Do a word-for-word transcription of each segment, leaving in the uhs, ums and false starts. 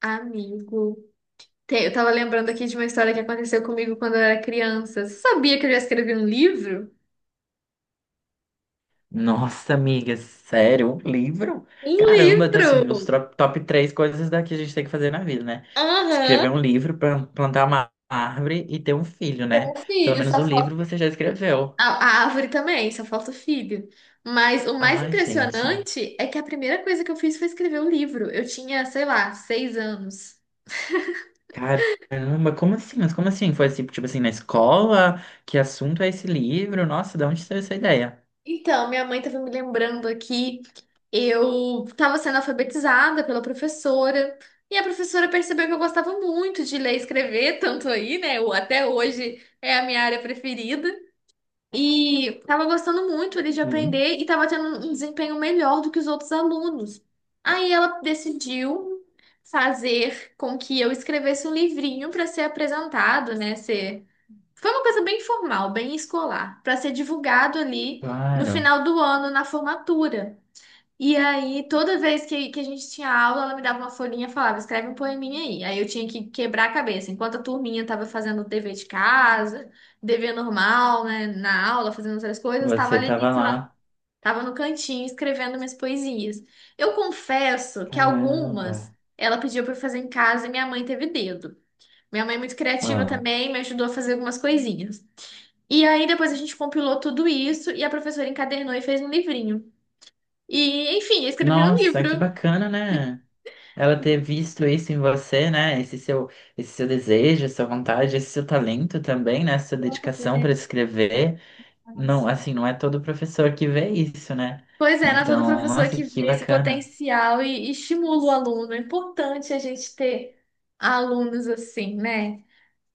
Amigo. Tem- Eu tava lembrando aqui de uma história que aconteceu comigo quando eu era criança. Você sabia que eu já escrevi um livro? Nossa, amiga, sério? Um livro? Um Caramba, tá assim, uns livro! tro- top três coisas daqui a gente tem que fazer na vida, né? Aham. Escrever um livro, plan- plantar uma árvore e ter um filho, né? Um Pelo filho, menos só o falta. livro você já escreveu. A, a árvore também, só falta o filho. Mas o mais Ai, gente. impressionante é que a primeira coisa que eu fiz foi escrever o livro. Eu tinha, sei lá, seis anos. Caramba, como assim? Mas como assim? Foi assim, tipo assim, na escola? Que assunto é esse livro? Nossa, de onde saiu essa ideia? Então, minha mãe estava me lembrando aqui, eu estava sendo alfabetizada pela professora, e a professora percebeu que eu gostava muito de ler e escrever, tanto aí, né? eu- Até hoje é a minha área preferida. E estava gostando muito ali de Hum, aprender e estava tendo um desempenho melhor do que os outros alunos. Aí ela decidiu fazer com que eu escrevesse um livrinho para ser apresentado, né? Foi uma coisa bem formal, bem escolar, para ser divulgado ali no claro. final do ano, na formatura. E aí, toda vez que, que a gente tinha aula, ela me dava uma folhinha e falava, escreve um poeminha aí. Aí eu tinha que quebrar a cabeça. Enquanto a turminha estava fazendo o dever de casa, dever normal, né, na aula, fazendo outras coisas, estava Você ali tava sei lá, lá. estava no cantinho escrevendo minhas poesias. Eu confesso que Caramba. algumas ela pediu para eu fazer em casa e minha mãe teve dedo. Minha mãe é muito criativa Ah. também, me ajudou a fazer algumas coisinhas. E aí depois a gente compilou tudo isso e a professora encadernou e fez um livrinho. E, enfim, eu escrevi um Nossa, que livro. bacana, né? Ela ter visto isso em você, né? Esse seu, esse seu desejo, essa vontade, esse seu talento também, né? Essa dedicação para escrever. Não, assim, não é todo professor que vê isso, né? Pois é, Ana, toda Então, professora nossa, que que vê esse bacana. potencial e, e estimula o aluno. É importante a gente ter alunos assim, né?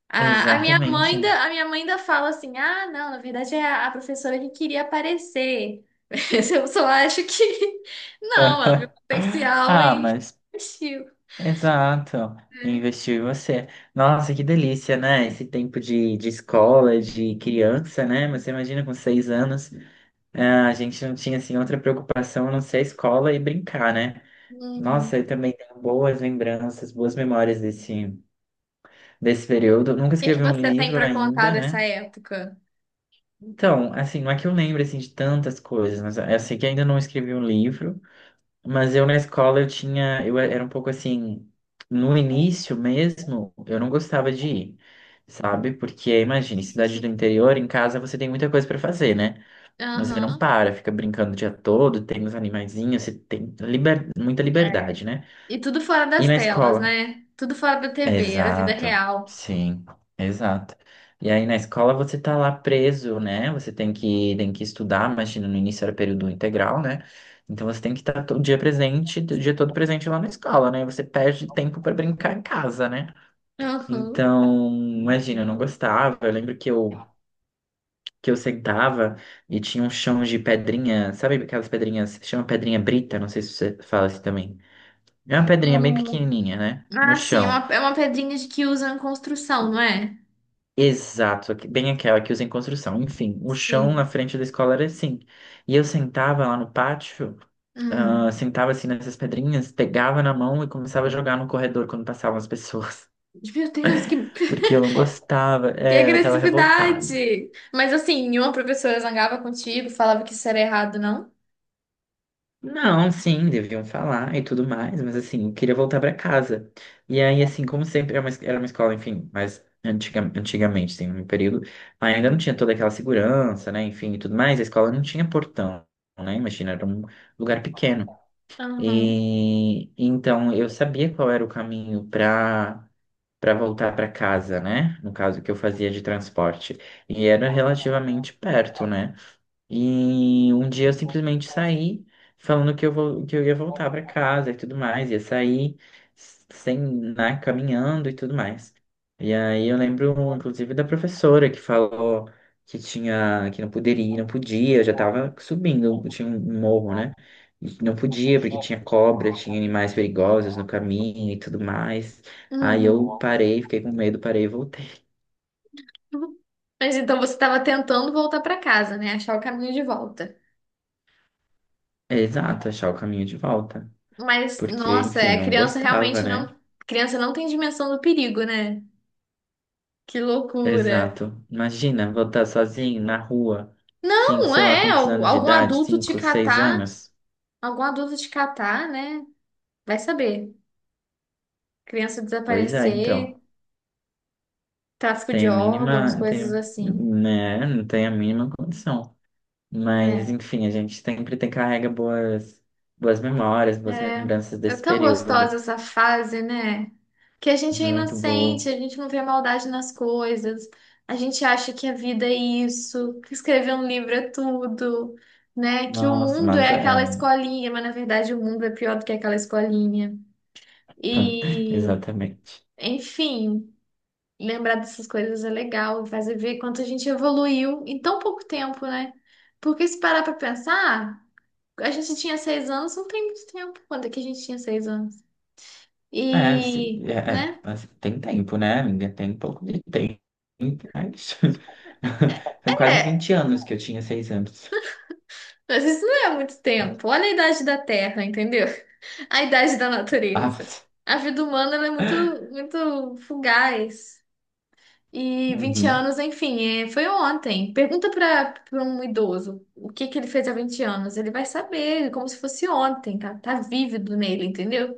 A, a minha mãe Exatamente. ainda, a minha mãe ainda fala assim: ah, não, na verdade é a, a professora que queria aparecer. Mas eu só acho que não, ela viu potencial Ah, e mas assistiu, exato. né? Investir em você. Nossa, que delícia, né? Esse tempo de, de escola, de criança, né? Mas Você imagina com seis anos, ah, a gente não tinha assim outra preocupação a não ser a escola e brincar, né? Uhum. Nossa, eu também tenho boas lembranças, boas memórias desse, desse período. Eu Nunca O que que escrevi um você tem livro pra contar ainda, dessa né? época? Então, assim, não é que eu lembro assim, de tantas coisas, mas eu sei que ainda não escrevi um livro, mas eu na escola eu tinha, eu era um pouco assim, no início mesmo, eu não gostava de ir, sabe? Porque, imagine, cidade do interior, em casa você tem muita coisa para fazer, né? Você não Aham. para, fica brincando o dia todo, tem os animaizinhos, você tem liber- muita É. liberdade, né? E tudo fora E das na telas, escola? né? Tudo fora da T V, era vida Exato, real. sim, exato. E aí na escola você tá lá preso, né? Você tem que, tem que estudar, imagina, no início era período integral, né? Então você tem que estar todo dia presente, o dia todo presente lá na escola, né? Você perde tempo para brincar em casa, né? Aham. Então, imagina, eu não gostava. Eu lembro que eu, que eu sentava e tinha um chão de pedrinha, sabe aquelas pedrinhas, chama pedrinha brita, não sei se você fala assim também. É uma pedrinha bem Hum. pequenininha, né? No Ah, sim, é chão. uma, é uma pedrinha de que usam em construção, não é? Exato, que- bem aquela que usa em construção. Enfim, o chão na Sim. frente da escola era assim. E eu sentava lá no pátio, ah, Hum. sentava assim nessas pedrinhas, pegava na mão e começava a jogar no corredor quando passavam as pessoas. Meu Deus, que, Porque eu não gostava, que é, eu tava revoltado. agressividade! Mas assim, nenhuma professora zangava contigo, falava que isso era errado, não? Não, sim, deviam falar e tudo mais, mas assim, eu queria voltar pra casa. E aí, assim, como sempre, era uma, era uma escola, enfim, mas antiga, antigamente, tem um período, ainda não tinha toda aquela segurança, né, enfim, e tudo mais, a escola não tinha portão, né, imagina, era um lugar pequeno. Aham. E então eu sabia qual era o caminho pra para voltar pra casa, né, no caso que eu fazia de transporte. E era relativamente perto, né. E um dia eu simplesmente saí falando que eu vou, que eu ia voltar para casa e tudo mais, ia sair sem, né, caminhando e tudo mais. E aí eu lembro, inclusive, da professora que falou que tinha, que não poderia, não podia, eu já tava subindo, tinha um morro, né? E que não podia porque tinha cobra, tinha animais perigosos no caminho e tudo mais. Aí eu Uhum. parei, fiquei com medo, parei e voltei. Mas então você estava tentando voltar para casa, né? Achar o caminho de volta. É, Exato, achar o caminho de volta. Mas, Porque, nossa, enfim, é, a não criança gostava, realmente não. né? A criança não tem dimensão do perigo, né? Que loucura. Exato. Imagina voltar sozinho na rua, cinco, Não, sei lá é. quantos al- anos de Algum idade, adulto te cinco, seis catar, anos. algum adulto te catar, né? Vai saber. Criança Pois é, desaparecer, então. tráfico de Tem a órgãos, mínima, coisas tem, assim. né, não tem a mínima condição. Mas, É, enfim, a gente sempre tem carrega boas, boas memórias, boas lembranças é é desse tão período. gostosa essa fase, né? Que a gente é Muito bom. inocente, a gente não vê maldade nas coisas, a gente acha que a vida é isso, que escrever um livro é tudo, né? Que o Nossa, mundo mas é aquela é. escolinha, mas na verdade o mundo é pior do que aquela escolinha. E, Exatamente. enfim, lembrar dessas coisas é legal, faz ver quanto a gente evoluiu em tão pouco tempo, né? Porque se parar pra pensar, a gente tinha seis anos, não tem muito tempo. Quando é que a gente tinha seis anos? É, se- E, é, é, né? mas tem tempo, né, amiga? Tem um pouco de tempo, mas faz quase É, vinte anos que eu tinha seis anos. mas isso não é muito Ah, tempo. Olha a idade da Terra, entendeu? A idade da ah, natureza. mas- A vida humana, ela é muito, muito fugaz. E vinte uhum, anos, enfim, é, foi ontem. Pergunta para um idoso o que que ele fez há vinte anos. Ele vai saber, como se fosse ontem, tá, tá vívido nele, entendeu?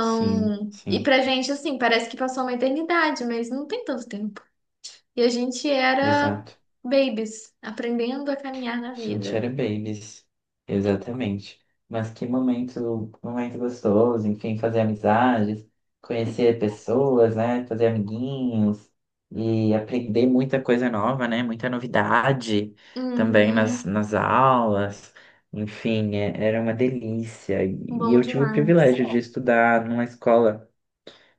sim, e sim, pra gente, assim, parece que passou uma eternidade, mas não tem tanto tempo. E a gente era exato. babies, aprendendo a caminhar na vida. Chinchera Babies, exatamente. Mas que momento, momento gostoso, enfim, fazer amizades, conhecer pessoas, né? Fazer amiguinhos e aprender muita coisa nova, né? Muita novidade também nas, Uhum, nas aulas. Enfim, é- era uma delícia. E bom eu tive o demais. privilégio de estudar numa escola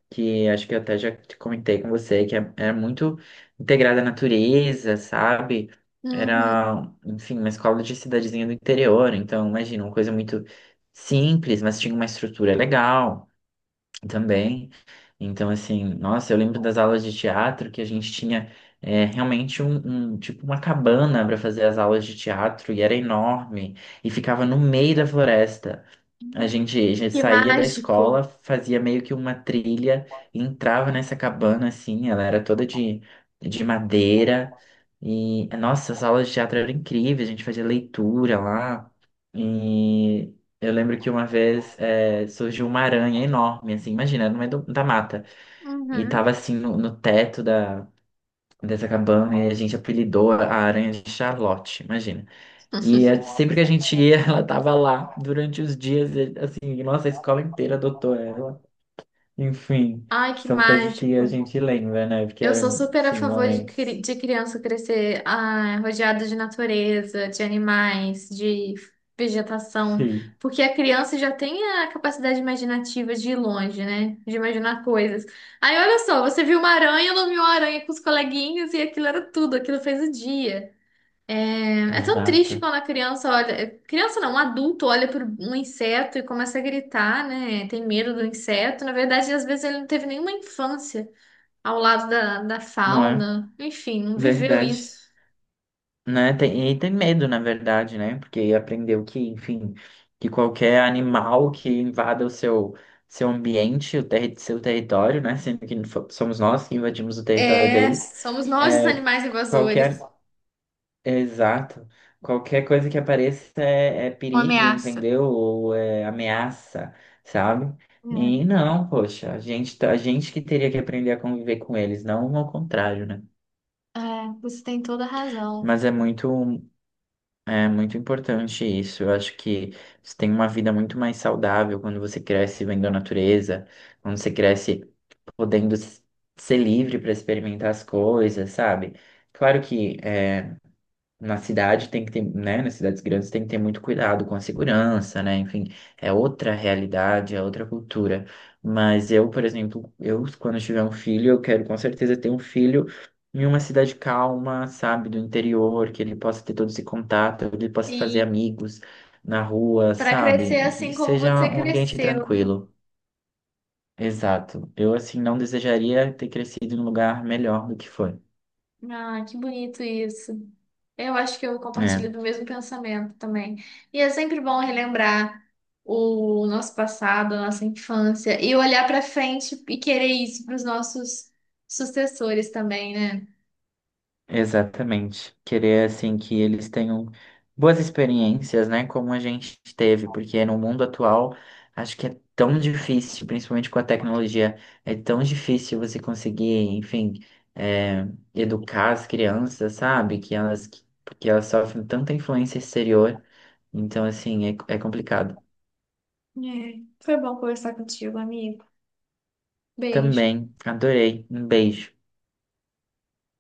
que acho que eu até já te comentei com você, que é- era muito integrada à natureza, sabe? Uhum. Era, enfim, uma escola de cidadezinha do interior, então imagina, uma coisa muito simples, mas tinha uma estrutura legal também. Então, assim, nossa, eu lembro das aulas de teatro que a gente tinha é, realmente um, um- tipo uma cabana para fazer as aulas de teatro e era enorme e ficava no meio da floresta. A gente, a gente Que saía da escola, mágico. fazia meio que uma trilha, e entrava nessa cabana assim, ela era toda de, de madeira. E, nossa, as aulas de teatro eram incríveis, a gente fazia leitura lá. E eu lembro que uma vez eh, surgiu uma aranha enorme, assim, imagina, no meio do- da mata. E Uhum. tava assim no, no teto da, dessa cabana, e a gente apelidou a aranha de Charlotte, imagina. E é- sempre que a gente ia, ela tava lá durante os dias, e, assim, nossa, a escola inteira adotou ela. Enfim, Ai, que são coisas que a mágico. gente lembra, né? Porque Eu sou eram, super a sim, favor de, momentos. cri- de criança crescer ah, rodeada de natureza, de animais, de vegetação, Sim, porque a criança já tem a capacidade imaginativa de ir longe, né? De imaginar coisas. Aí olha só, você viu uma aranha, nomeou a aranha com os coleguinhas e aquilo era tudo, aquilo fez o dia. É, é tão triste exato. quando a criança olha, é, criança não, um adulto olha para um inseto e começa a gritar, né? Tem medo do inseto. Na verdade, às vezes ele não teve nenhuma infância ao lado da, da Não é? fauna. Enfim, não viveu Verdade. isso. Né? Tem, e tem medo, na verdade, né? Porque aprendeu que, enfim, que qualquer animal que invada o seu, seu ambiente, o terri seu território, né? Sendo que fo- somos nós que invadimos o território É, deles, somos nós os é, animais invasores. qualquer. Exato. Qualquer coisa que apareça é, é Uma perigo, ameaça. entendeu? Ou é ameaça, sabe? E não, poxa, a gente, tá- a gente que teria que aprender a conviver com eles, não ao contrário, né? É, é, você tem toda a razão. Mas é muito, é muito importante isso. Eu acho que você tem uma vida muito mais saudável quando você cresce vendo a natureza, quando você cresce podendo s- ser livre para experimentar as coisas, sabe? Claro que é, na cidade tem que ter, né, nas cidades grandes tem que ter muito cuidado com a segurança, né? Enfim, é outra realidade, é outra cultura. Mas eu, por exemplo, eu quando tiver um filho, eu quero com certeza ter um filho em uma cidade calma, sabe, do interior, que ele possa ter todo esse contato, ele possa fazer E amigos na rua, para crescer sabe? Que assim como seja você um ambiente cresceu, né? tranquilo. Exato. Eu, assim, não desejaria ter crescido em um lugar melhor do que foi. Ah, que bonito isso. Eu acho que eu É. compartilho do mesmo pensamento também. E é sempre bom relembrar o nosso passado, a nossa infância, e olhar para frente e querer isso para os nossos sucessores também, né? Exatamente. Querer assim que eles tenham boas experiências, né, como a gente teve, porque no mundo atual acho que é tão difícil, principalmente com a tecnologia, é tão difícil você conseguir, enfim, é, educar as crianças, sabe? Que elas, porque elas sofrem tanta influência exterior, então assim é, é complicado. É. Foi bom conversar contigo, amigo. Beijo. Também adorei. Um beijo.